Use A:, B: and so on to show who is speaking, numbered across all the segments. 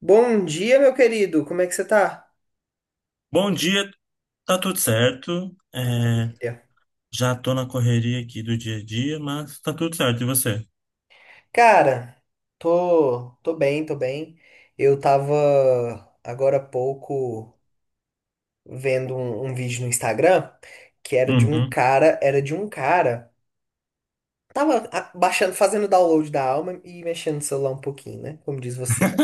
A: Bom dia, meu querido. Como é que você tá?
B: Bom dia, tá tudo certo.
A: Maravilha.
B: Já tô na correria aqui do dia a dia, mas tá tudo certo. E você?
A: Cara, tô bem, tô bem. Eu tava agora há pouco vendo um vídeo no Instagram que era de um
B: Uhum,
A: cara, era de um cara. Tava baixando, fazendo download da alma e mexendo no celular um pouquinho, né? Como diz você.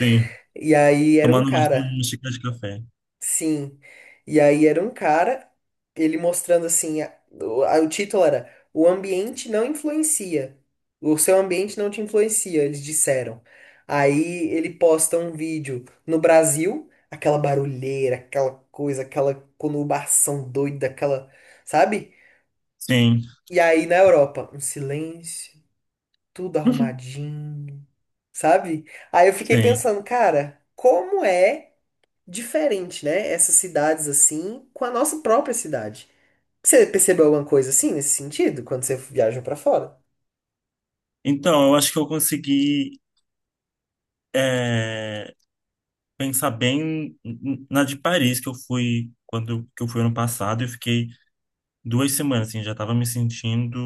B: sim.
A: E aí era um
B: Tomando
A: cara.
B: uma xícara de café.
A: Sim. E aí era um cara, ele mostrando assim, o título era: o ambiente não influencia. O seu ambiente não te influencia, eles disseram. Aí ele posta um vídeo no Brasil, aquela barulheira, aquela coisa, aquela conurbação doida, aquela, sabe?
B: Sim,
A: E aí na Europa, um silêncio, tudo arrumadinho, sabe? Aí eu fiquei
B: sim.
A: pensando, cara, como é diferente, né? Essas cidades assim, com a nossa própria cidade. Você percebeu alguma coisa assim nesse sentido quando você viaja pra fora?
B: Eu acho que eu consegui é, pensar bem na de Paris que eu fui quando que eu fui ano passado. Eu fiquei duas semanas, assim, já tava me sentindo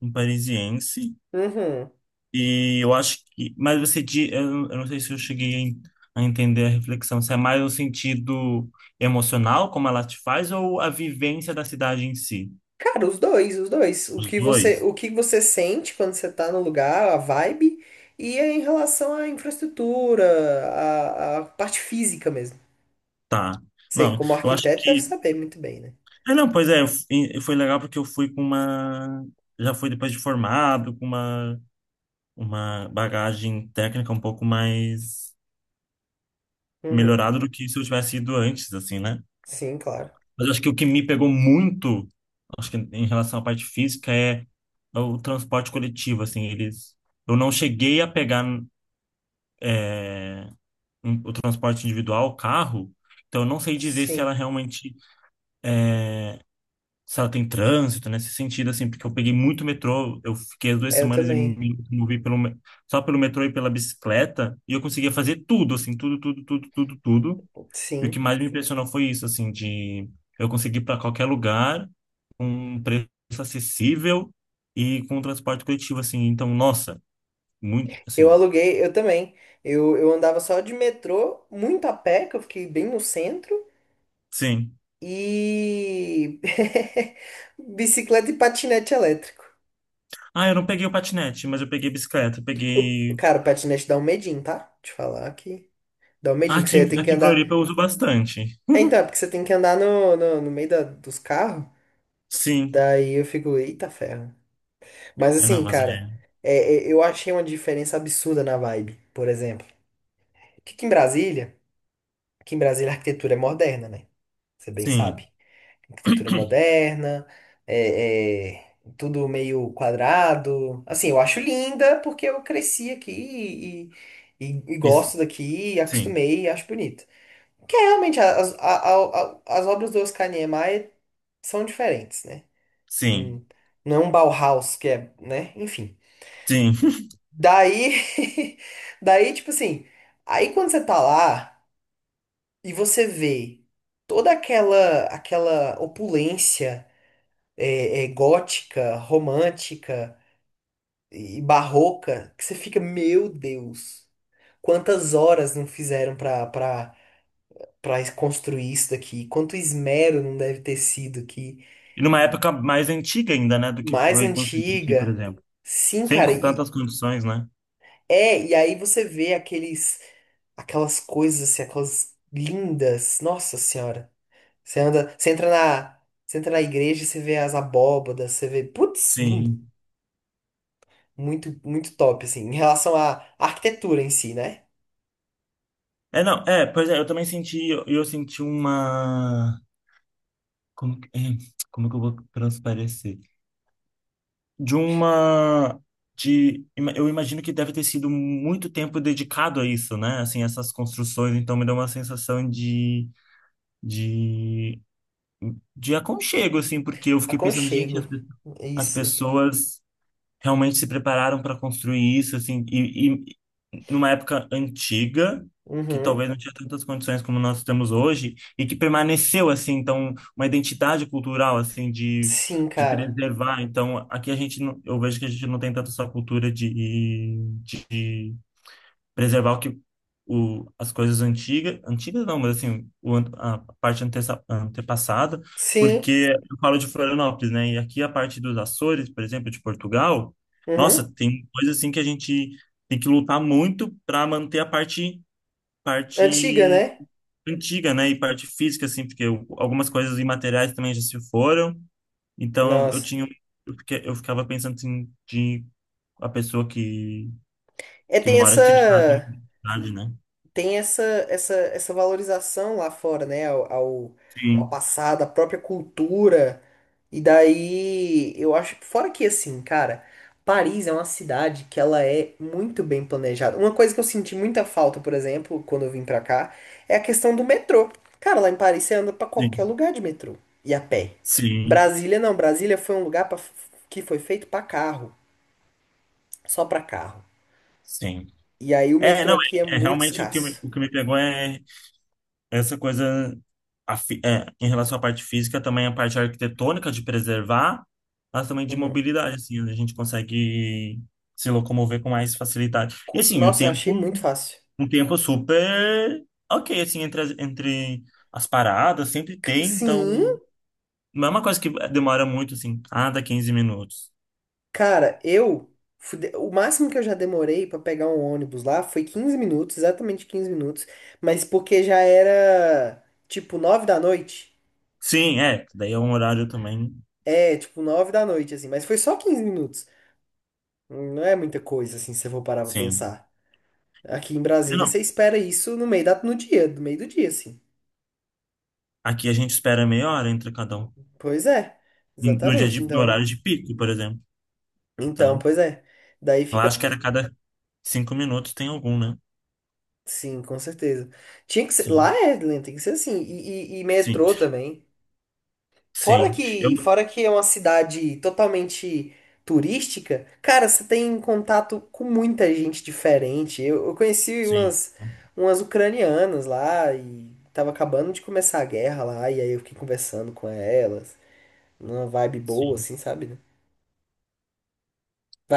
B: um parisiense.
A: Uhum.
B: E eu acho que. Mas você. Di- eu não sei se eu cheguei a entender a reflexão. Se é mais o sentido emocional, como ela te faz, ou a vivência da cidade em si?
A: Cara, os dois, os dois.
B: Os dois?
A: O que você sente quando você tá no lugar, a vibe, e é em relação à infraestrutura, à, à parte física mesmo.
B: Tá.
A: Você,
B: Não,
A: como
B: eu acho
A: arquiteto, deve
B: que.
A: saber muito bem, né?
B: Ah, não, pois é. Eu f- e- Foi legal porque eu fui com uma. Já fui depois de formado, com uma bagagem técnica um pouco mais
A: Uhum.
B: melhorada do que se eu tivesse ido antes, assim, né?
A: Sim, claro.
B: Mas eu acho que o que me pegou muito, acho que em relação à parte física, é o transporte coletivo, assim, eles... Eu não cheguei a pegar o transporte individual, o carro, então eu não sei dizer se ela
A: Sim.
B: realmente, se ela tem trânsito, né, nesse sentido, assim, porque eu peguei muito metrô, eu fiquei as duas
A: É, eu
B: semanas e
A: também.
B: me movi só pelo metrô e pela bicicleta, e eu conseguia fazer tudo, assim, tudo, tudo, tudo, tudo, tudo. E o que
A: Sim.
B: mais me impressionou foi isso, assim, de eu conseguir ir para qualquer lugar com um preço acessível e com um transporte coletivo, assim. Então, nossa, muito,
A: Eu
B: assim,
A: aluguei, eu também. Eu andava só de metrô, muito a pé, que eu fiquei bem no centro,
B: sim.
A: e bicicleta e patinete elétrico.
B: Ah, eu não peguei o patinete, mas eu peguei bicicleta, eu
A: O,
B: peguei...
A: cara, o patinete dá um medinho, tá? Te falar que dá um
B: Ah,
A: medinho, que você tem que
B: aqui em
A: andar.
B: Floripa eu uso bastante.
A: É, então, é porque você tem que andar no, no, no dos carros,
B: Sim.
A: daí eu fico, eita ferro. Mas
B: É, não,
A: assim,
B: mas é...
A: cara, é, é, eu achei uma diferença absurda na vibe, por exemplo. Que aqui em Brasília a arquitetura é moderna, né? Você bem
B: Sim.
A: sabe. Arquitetura moderna, é, é, tudo meio quadrado. Assim, eu acho linda porque eu cresci aqui e, e
B: Isso.
A: gosto daqui,
B: Sim.
A: acostumei e acho bonito. Que é realmente as, a- as obras do Oscar Niemeyer são diferentes, né?
B: Sim.
A: Hum, não é um Bauhaus que é, né? Enfim.
B: Sim.
A: Daí, daí, tipo assim, aí quando você tá lá e você vê toda aquela opulência é, é, gótica, romântica e barroca, que você fica, meu Deus, quantas horas não fizeram pra construir isso daqui, quanto esmero não deve ter sido que
B: E numa época mais antiga ainda, né, do que
A: mais
B: foi construído aqui, por
A: antiga.
B: exemplo.
A: Sim,
B: Sem
A: cara, e
B: tantas condições, né?
A: é, e aí você vê aqueles, aquelas coisas assim, aquelas lindas. Nossa Senhora. Você anda, você entra na igreja e você vê as abóbadas, você vê, putz, lindo.
B: Sim.
A: Muito, muito top, assim, em relação à arquitetura em si, né?
B: É, não, é, pois é, eu também senti, eu senti uma. Como, que- é, como que eu vou transparecer? De uma. De, ima- eu imagino que deve ter sido muito tempo dedicado a isso, né? Assim, essas construções, então me deu uma sensação de, de aconchego, assim, porque eu fiquei pensando, gente,
A: Aconchego, é
B: as
A: isso.
B: pessoas realmente se prepararam para construir isso, assim, e numa época antiga, que
A: Uhum.
B: talvez não tinha tantas condições como nós temos hoje, e que permaneceu, assim, então, uma identidade cultural, assim,
A: Sim,
B: de
A: cara.
B: preservar. Então, aqui a gente, não, eu vejo que a gente não tem tanto essa cultura de preservar as coisas antigas, antigas não, mas assim, a parte antepassada,
A: Sim.
B: porque eu falo de Florianópolis, né? E aqui a parte dos Açores, por exemplo, de Portugal,
A: Uhum.
B: nossa, tem coisa assim que a gente tem que lutar muito para manter a parte
A: Antiga,
B: parte
A: né?
B: antiga, né? E parte física, assim, algumas coisas imateriais também já se foram. Eu
A: Nossa.
B: tinha, um, eu, fiquei- eu ficava pensando assim, de a pessoa que,
A: É,
B: que
A: tem
B: mora aqui já tem
A: essa.
B: uma idade, né?
A: Tem essa, essa, essa valorização lá fora, né? Ao, ao, ao
B: Sim.
A: passado, à própria cultura. E daí, eu acho, fora que assim, cara, Paris é uma cidade que ela é muito bem planejada. Uma coisa que eu senti muita falta, por exemplo, quando eu vim pra cá, é a questão do metrô. Cara, lá em Paris você anda pra qualquer
B: Sim,
A: lugar de metrô e a pé.
B: sim,
A: Brasília não, Brasília foi um lugar pra, que foi feito pra carro, só pra carro.
B: sim.
A: E aí o
B: É,
A: metrô
B: não,
A: aqui é
B: é, é
A: muito
B: realmente
A: escasso.
B: o que me pegou é essa coisa em relação à parte física, também a parte arquitetônica de preservar, mas também de
A: Uhum.
B: mobilidade, assim, onde a gente consegue se locomover com mais facilidade. E assim,
A: Nossa, eu achei muito fácil.
B: um tempo super ok, assim, entre as paradas, sempre tem, então
A: Sim,
B: não é uma coisa que demora muito, assim, ah, dá 15 minutos.
A: cara, eu o máximo que eu já demorei pra pegar um ônibus lá foi 15 minutos, exatamente 15 minutos. Mas porque já era tipo 9 da noite.
B: Sim, é, daí é um horário também,
A: É, tipo nove da noite, assim. Mas foi só 15 minutos. Não é muita coisa, assim, se eu for parar pra
B: sim.
A: pensar. Aqui em Brasília, você espera isso no meio da, no dia, no meio do dia, assim.
B: Aqui a gente espera meia hora entre cada um.
A: Pois é,
B: No dia
A: exatamente.
B: de, no
A: Então,
B: horário de pico, por exemplo.
A: então,
B: Então,
A: pois é. Daí
B: lá
A: fica.
B: acho que era cada cinco minutos tem algum, né?
A: Sim, com certeza. Tinha que ser. Lá
B: Sim,
A: é, né, tem que ser assim. E, e
B: sim,
A: metrô também.
B: sim. Eu,
A: Fora que é uma cidade totalmente turística, cara, você tem contato com muita gente diferente. Eu conheci
B: sim,
A: umas, umas ucranianas lá e tava acabando de começar a guerra lá, e aí eu fiquei conversando com elas, numa vibe boa,
B: sim.
A: assim, sabe? Né?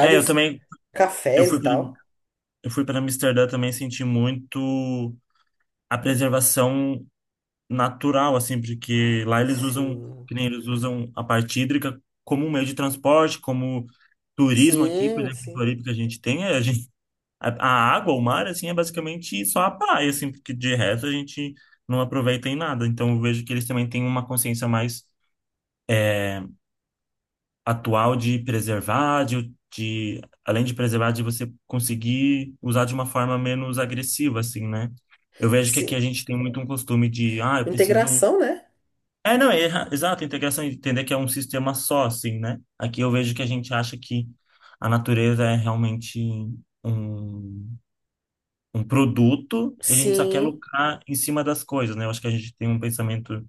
B: É, eu também, eu
A: cafés
B: fui
A: e
B: para,
A: tal.
B: eu fui para Amsterdã também senti muito a preservação natural, assim, porque lá eles usam,
A: Sim.
B: que nem eles usam a parte hídrica como um meio de transporte, como turismo aqui, por
A: Sim,
B: exemplo, em
A: sim.
B: Floripa que a gente tem, é, a água, o mar, assim, é basicamente só a praia, assim, porque de resto a gente não aproveita em nada. Então eu vejo que eles também têm uma consciência mais atual de preservar, de além de preservar, de você conseguir usar de uma forma menos agressiva, assim, né? Eu vejo que aqui a
A: Sim.
B: gente tem muito um costume de, ah, eu preciso.
A: Integração, né?
B: É, não, é, erra- exato, integração, entender que é um sistema só, assim, né? Aqui eu vejo que a gente acha que a natureza é realmente um. um produto e a gente só quer
A: Sim.
B: lucrar em cima das coisas, né? Eu acho que a gente tem um pensamento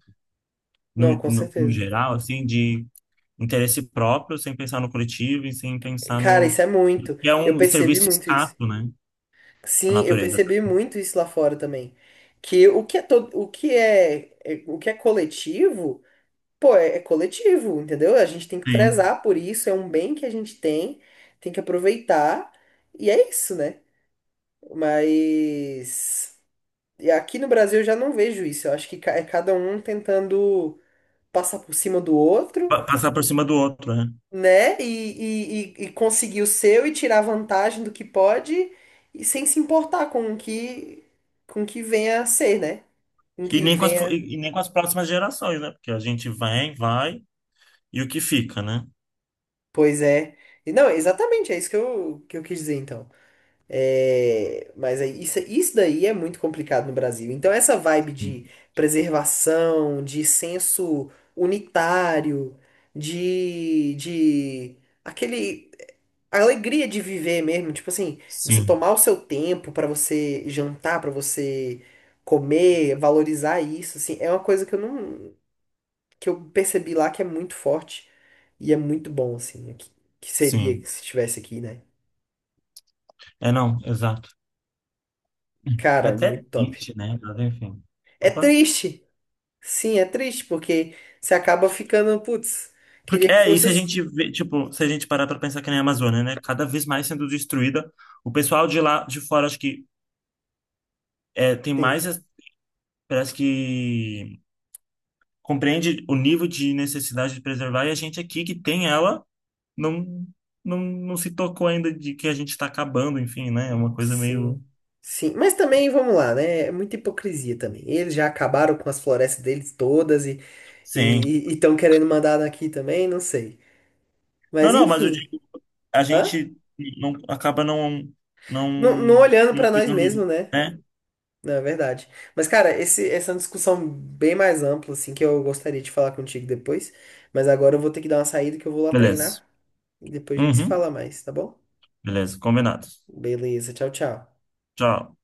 A: Não, com
B: no
A: certeza.
B: geral, assim, de interesse próprio, sem pensar no coletivo e sem pensar
A: Cara,
B: no...
A: isso é muito.
B: que é
A: Eu
B: um
A: percebi
B: serviço
A: muito isso.
B: escasso, né? A
A: Sim, eu
B: natureza
A: percebi
B: tá
A: muito isso lá fora também. Que o que é todo, o que é, o que é coletivo, pô, é, é coletivo, entendeu? A gente tem que
B: bem.
A: prezar por isso, é um bem que a gente tem, tem que aproveitar, e é isso, né? Mas e aqui no Brasil eu já não vejo isso. Eu acho que é cada um tentando passar por cima do outro,
B: Passar por cima do outro, né?
A: né? E conseguir o seu e tirar vantagem do que pode, e sem se importar com o que venha a ser, né? Com o
B: E
A: que
B: nem com as, fu-
A: venha.
B: e nem com as próximas gerações, né? Porque a gente vem, vai e o que fica, né?
A: Pois é. E não, exatamente, é isso que eu quis dizer, então. É, mas aí, isso daí é muito complicado no Brasil. Então, essa vibe de preservação, de senso unitário, de aquele, a alegria de viver mesmo, tipo assim, você
B: Sim,
A: tomar o seu tempo pra você jantar, pra você comer, valorizar isso, assim, é uma coisa que eu não, que eu percebi lá que é muito forte e é muito bom, assim, né? Que seria
B: sim.
A: se estivesse aqui, né?
B: É, não, exato. É
A: Cara,
B: até
A: muito top.
B: triste, né? Mas enfim.
A: É
B: Opa.
A: triste, sim, é triste, porque você acaba ficando, putz, queria
B: Porque,
A: que
B: é, e
A: fosse
B: se a gente
A: assim.
B: vê, tipo, se a gente parar para pensar que nem a Amazônia, né? Cada vez mais sendo destruída. O pessoal de lá de fora, acho que tem mais,
A: Sim,
B: parece que compreende o nível de necessidade de preservar, e a gente aqui que tem ela não, não, não se tocou ainda de que a gente está acabando, enfim, né? É uma coisa
A: sim.
B: meio.
A: Sim, mas também vamos lá, né? É muita hipocrisia também. Eles já acabaram com as florestas deles todas e
B: Sim.
A: E estão querendo mandar aqui também, não sei.
B: Não,
A: Mas
B: não, mas eu
A: enfim,
B: digo, a
A: hã?
B: gente não, acaba não, não,
A: Não, não olhando
B: não
A: pra nós
B: cuidando,
A: mesmos, né?
B: né?
A: Não, é verdade. Mas, cara, esse, essa é uma discussão bem mais ampla, assim, que eu gostaria de falar contigo depois. Mas agora eu vou ter que dar uma saída que eu vou lá
B: Beleza.
A: treinar. E depois a gente se
B: Uhum.
A: fala mais, tá bom?
B: Beleza, combinado.
A: Beleza, tchau, tchau.
B: Tchau.